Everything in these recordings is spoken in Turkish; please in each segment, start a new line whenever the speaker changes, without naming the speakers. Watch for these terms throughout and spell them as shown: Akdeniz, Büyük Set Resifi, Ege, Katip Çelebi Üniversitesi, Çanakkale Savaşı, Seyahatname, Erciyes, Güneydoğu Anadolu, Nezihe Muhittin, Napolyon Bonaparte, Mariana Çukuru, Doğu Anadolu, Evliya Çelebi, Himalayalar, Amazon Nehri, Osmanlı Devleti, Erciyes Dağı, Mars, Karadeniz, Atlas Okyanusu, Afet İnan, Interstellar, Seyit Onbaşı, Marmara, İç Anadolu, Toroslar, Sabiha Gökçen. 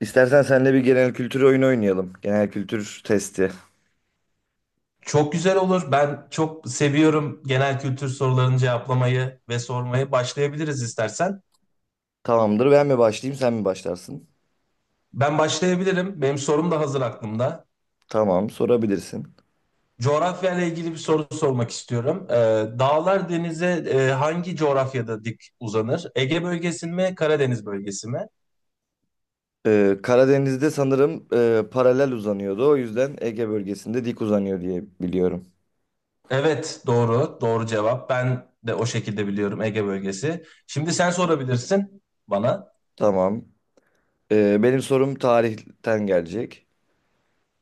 İstersen seninle bir genel kültür oyunu oynayalım. Genel kültür testi.
Çok güzel olur. Ben çok seviyorum genel kültür sorularını cevaplamayı ve sormayı. Başlayabiliriz istersen.
Tamamdır. Ben mi başlayayım, sen mi başlarsın?
Ben başlayabilirim. Benim sorum da hazır aklımda.
Tamam, sorabilirsin.
Coğrafya ile ilgili bir soru sormak istiyorum. Dağlar denize hangi coğrafyada dik uzanır? Ege bölgesi mi, Karadeniz bölgesi mi?
Karadeniz'de sanırım paralel uzanıyordu. O yüzden Ege bölgesinde dik uzanıyor diye biliyorum.
Evet, doğru. Doğru cevap. Ben de o şekilde biliyorum Ege bölgesi. Şimdi sen sorabilirsin bana.
Tamam. Benim sorum tarihten gelecek.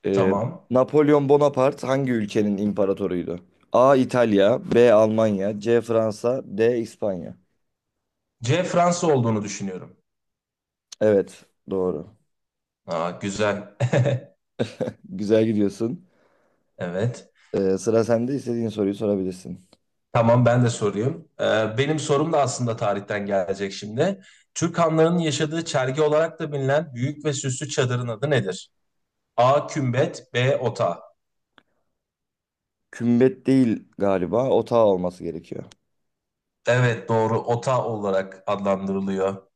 Ee,
Tamam.
Napolyon Bonaparte hangi ülkenin imparatoruydu? A. İtalya, B. Almanya, C. Fransa, D. İspanya.
C Fransa olduğunu düşünüyorum.
Evet, doğru.
Aa, güzel.
Güzel gidiyorsun.
Evet.
Sıra sende, istediğin soruyu sorabilirsin.
Tamam ben de sorayım. Benim sorum da aslında tarihten gelecek şimdi. Türk hanlarının yaşadığı çergi olarak da bilinen büyük ve süslü çadırın adı nedir? A. Kümbet B. Ota.
Kümbet değil galiba. Otağı olması gerekiyor.
Evet doğru, Ota olarak adlandırılıyor.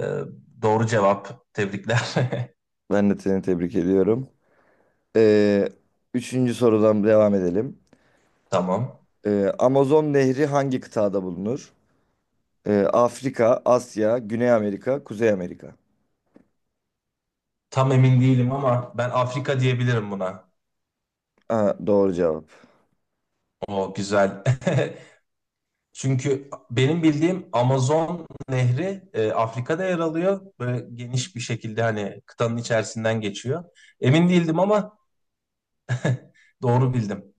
Ee, doğru cevap. Tebrikler.
Ben de seni tebrik ediyorum. Ee, Üçüncü sorudan devam edelim.
Tamam.
Amazon Nehri hangi kıtada bulunur? Afrika, Asya, Güney Amerika, Kuzey Amerika.
Tam emin değilim ama ben Afrika diyebilirim buna.
Aa, doğru cevap.
O güzel. Çünkü benim bildiğim Amazon Nehri Afrika'da yer alıyor. Böyle geniş bir şekilde hani kıtanın içerisinden geçiyor. Emin değildim ama doğru bildim.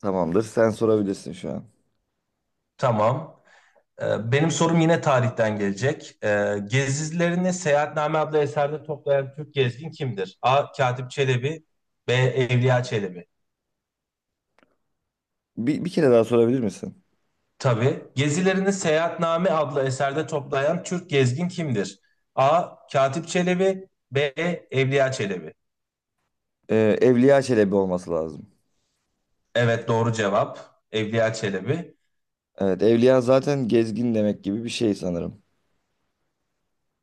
Tamamdır. Sen sorabilirsin şu an.
Tamam. E, benim sorum yine tarihten gelecek. E, gezilerini Seyahatname adlı eserde toplayan Türk gezgin kimdir? A. Katip Çelebi B. Evliya Çelebi.
Bir kere daha sorabilir misin?
Tabii. Gezilerini Seyahatname adlı eserde toplayan Türk gezgin kimdir? A. Katip Çelebi B. Evliya Çelebi.
Evliya Çelebi olması lazım.
Evet doğru cevap. Evliya Çelebi.
Evet, Evliya zaten gezgin demek gibi bir şey sanırım.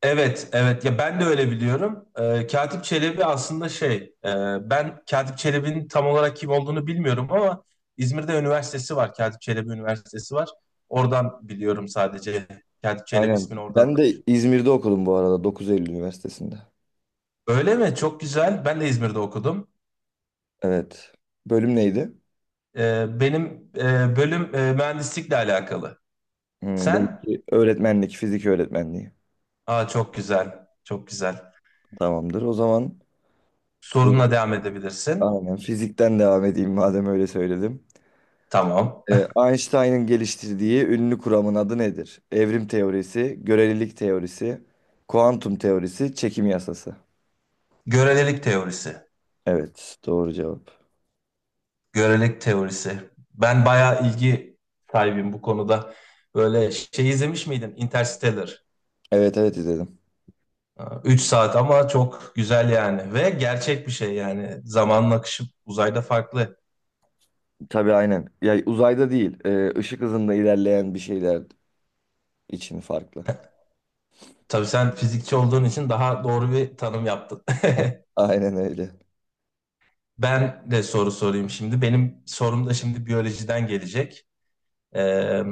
Evet, evet. Ya ben de öyle biliyorum. Katip Çelebi aslında e, ben Katip Çelebi'nin tam olarak kim olduğunu bilmiyorum ama İzmir'de üniversitesi var. Katip Çelebi Üniversitesi var. Oradan biliyorum sadece. Katip Çelebi
Aynen.
ismini oradan
Ben
duymuş.
de İzmir'de okudum bu arada, 9 Eylül Üniversitesi'nde.
Öyle mi? Çok güzel. Ben de İzmir'de okudum.
Evet. Bölüm neydi?
Benim bölüm mühendislikle alakalı.
Hmm,
Sen?
belki öğretmenlik, fizik öğretmenliği.
Aa çok güzel. Çok güzel.
Tamamdır. O zaman
Sorunla
bu-
devam edebilirsin.
aynen fizikten devam edeyim madem öyle söyledim.
Tamam.
Einstein'ın geliştirdiği ünlü kuramın adı nedir? Evrim teorisi, görelilik teorisi, kuantum teorisi, çekim yasası.
Görelilik teorisi.
Evet, doğru cevap.
Görelilik teorisi. Ben bayağı ilgi sahibim bu konuda. Böyle şey izlemiş miydin? Interstellar.
Evet, izledim.
3 saat ama çok güzel yani. Ve gerçek bir şey yani. Zamanın akışı uzayda farklı.
Tabii aynen. Ya uzayda değil, ışık hızında ilerleyen bir şeyler için farklı.
Tabii sen fizikçi olduğun için daha doğru bir tanım yaptın.
Ah, aynen öyle.
Ben de soru sorayım şimdi. Benim sorum da şimdi biyolojiden gelecek. Ee,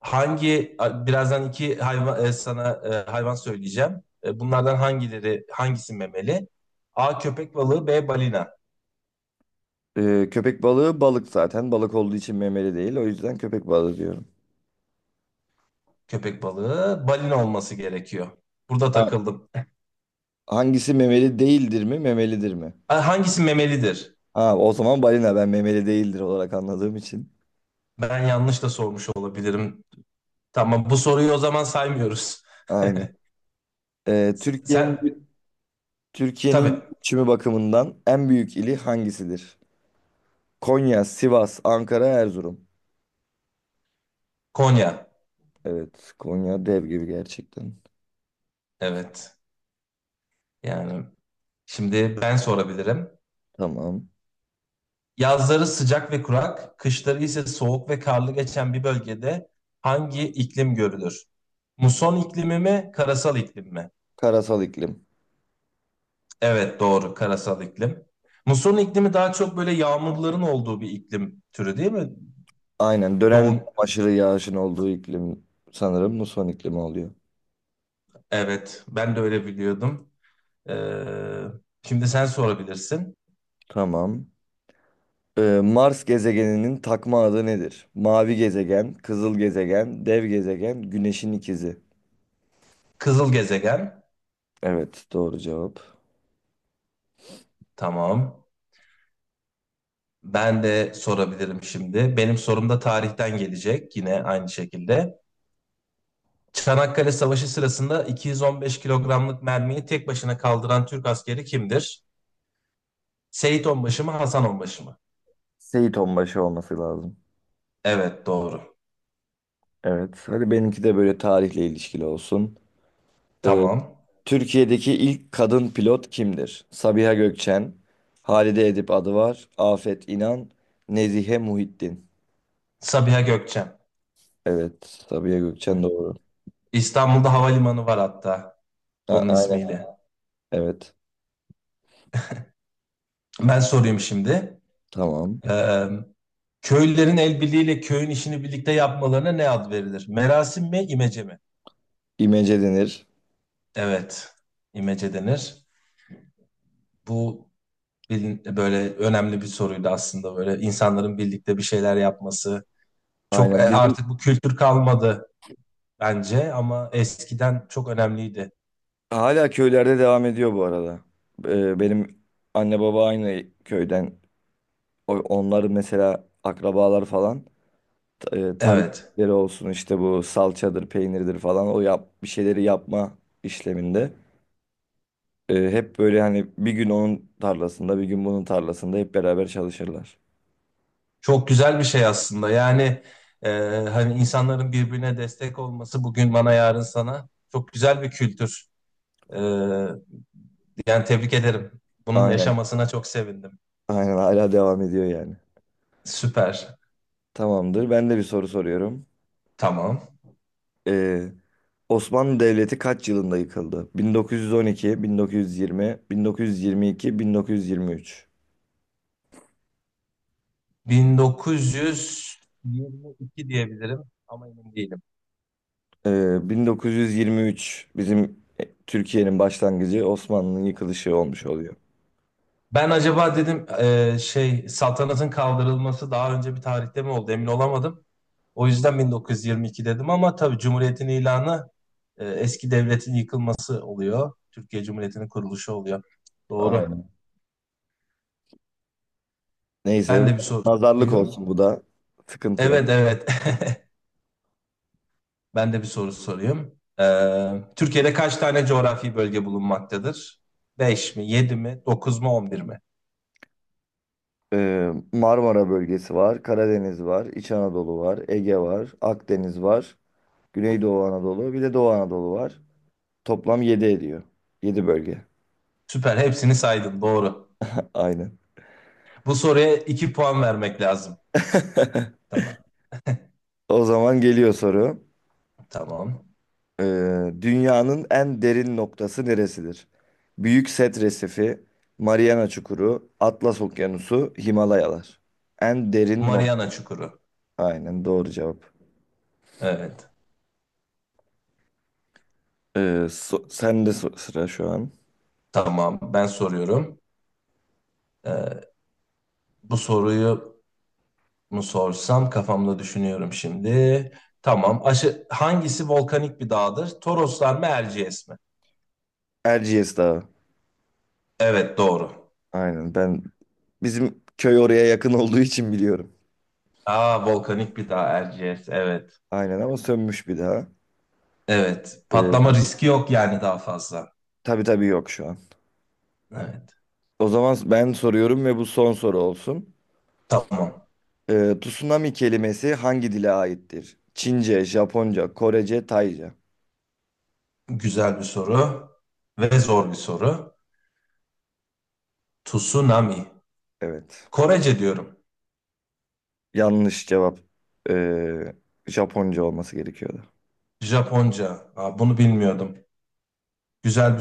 Hangi birazdan iki hayvan sana hayvan söyleyeceğim. E, bunlardan hangisi memeli? A köpek balığı, B balina.
Köpek balığı balık zaten. Balık olduğu için memeli değil. O yüzden köpek balığı diyorum.
Köpek balığı, balina olması gerekiyor. Burada
Ha,
takıldım.
hangisi memeli değildir mi, memelidir mi?
A, hangisi memelidir?
Ha, o zaman balina, ben memeli değildir olarak anladığım için.
Ben yanlış da sormuş olabilirim. Tamam, bu soruyu o zaman saymıyoruz.
Aynen. E,
Sen
Türkiye'nin
tabii
Türkiye'nin göçümü bakımından en büyük ili hangisidir? Konya, Sivas, Ankara, Erzurum.
Konya.
Evet, Konya dev gibi gerçekten.
Evet. Yani şimdi ben sorabilirim.
Tamam.
Yazları sıcak ve kurak, kışları ise soğuk ve karlı geçen bir bölgede hangi iklim görülür? Muson iklimi mi, karasal iklim mi?
Karasal iklim.
Evet doğru, karasal iklim. Muson iklimi daha çok böyle yağmurların olduğu bir iklim türü değil mi?
Aynen, dönem
Yoğun,
aşırı yağışın olduğu iklim sanırım muson iklimi oluyor.
evet ben de öyle biliyordum. Ee, Şimdi sen sorabilirsin.
Tamam. Mars gezegeninin takma adı nedir? Mavi gezegen, kızıl gezegen, dev gezegen, güneşin ikizi.
Kızıl gezegen,
Evet doğru cevap.
tamam. Ben de sorabilirim şimdi. Benim sorum da tarihten gelecek yine aynı şekilde. Çanakkale Savaşı sırasında 215 kilogramlık mermiyi tek başına kaldıran Türk askeri kimdir? Seyit Onbaşı mı, Hasan Onbaşı mı?
Seyit Onbaşı olması lazım.
Evet, doğru.
Evet hadi benimki de böyle tarihle ilişkili olsun. Ee,
Tamam.
Türkiye'deki ilk kadın pilot kimdir? Sabiha Gökçen, Halide Edip Adıvar, Afet İnan, Nezihe Muhittin.
Sabiha Gökçen.
Evet, Sabiha Gökçen doğru.
İstanbul'da havalimanı var hatta onun
Aynen.
ismiyle.
Evet.
Ben sorayım şimdi.
Tamam.
Ee, Köylülerin el birliğiyle köyün işini birlikte yapmalarına ne ad verilir? Merasim mi, imece mi?
İmece denir.
Evet, imece denir. Bu böyle önemli bir soruydu aslında, böyle insanların birlikte bir şeyler yapması. Çok
Aynen. Bizim
artık bu kültür kalmadı bence, ama eskiden çok önemliydi.
hala köylerde devam ediyor bu arada. Benim anne baba aynı köyden. Onlar mesela, akrabalar falan tarla
Evet.
işleri olsun, işte bu salçadır, peynirdir falan, o yap bir şeyleri yapma işleminde. Hep böyle hani bir gün onun tarlasında, bir gün bunun tarlasında hep beraber çalışırlar.
Çok güzel bir şey aslında. Yani e, hani insanların birbirine destek olması, bugün bana yarın sana, çok güzel bir kültür. E, yani tebrik ederim. Bunun
Aynen.
yaşamasına çok sevindim.
Aynen, hala devam ediyor yani.
Süper.
Tamamdır. Ben de bir soru soruyorum.
Tamam.
Ee, Osmanlı Devleti kaç yılında yıkıldı? 1912, 1920, 1922, 1923.
1922 diyebilirim ama emin değilim.
1923 bizim Türkiye'nin başlangıcı, Osmanlı'nın yıkılışı olmuş oluyor.
Ben acaba dedim şey saltanatın kaldırılması daha önce bir tarihte mi oldu, emin olamadım. O yüzden 1922 dedim ama tabii Cumhuriyet'in ilanı, eski devletin yıkılması oluyor. Türkiye Cumhuriyeti'nin kuruluşu oluyor. Doğru.
Aynen. Neyse,
Ben de bir soru
nazarlık
sorayım.
olsun bu da. Sıkıntı yok.
Evet evet. Ben de bir soru sorayım. Türkiye'de kaç tane coğrafi bölge bulunmaktadır? 5 mi, 7 mi, 9 mu, On bir mi?
Marmara bölgesi var, Karadeniz var, İç Anadolu var, Ege var, Akdeniz var, Güneydoğu Anadolu, bir de Doğu Anadolu var. Toplam 7 ediyor. 7 bölge.
Süper, hepsini saydın, doğru.
Aynen.
Bu soruya 2 puan vermek lazım. Tamam,
O zaman geliyor soru.
tamam.
Dünyanın en derin noktası neresidir? Büyük Set Resifi, Mariana Çukuru, Atlas Okyanusu, Himalayalar. En derin nokta.
Mariana Çukuru.
Aynen, doğru cevap.
Evet,
Sen de sıra şu an.
tamam. Ben soruyorum. Ee, Bu soruyu mı sorsam kafamda düşünüyorum şimdi. Tamam. Aşı, hangisi volkanik bir dağdır? Toroslar mı Erciyes mi?
Erciyes Dağı.
Evet doğru.
Aynen, ben bizim köy oraya yakın olduğu için biliyorum.
Aa volkanik bir dağ Erciyes. Evet.
Aynen ama sönmüş bir daha.
Evet. Patlama
Ee,
riski yok yani daha fazla.
tabii tabii, yok şu an.
Evet.
O zaman ben soruyorum ve bu son soru olsun.
Tamam.
Tsunami kelimesi hangi dile aittir? Çince, Japonca, Korece, Tayca.
Güzel bir soru ve zor bir soru. Tsunami.
Evet.
Korece diyorum.
Yanlış cevap. Ee, Japonca olması gerekiyordu.
Japonca. Aa, bunu bilmiyordum. Güzel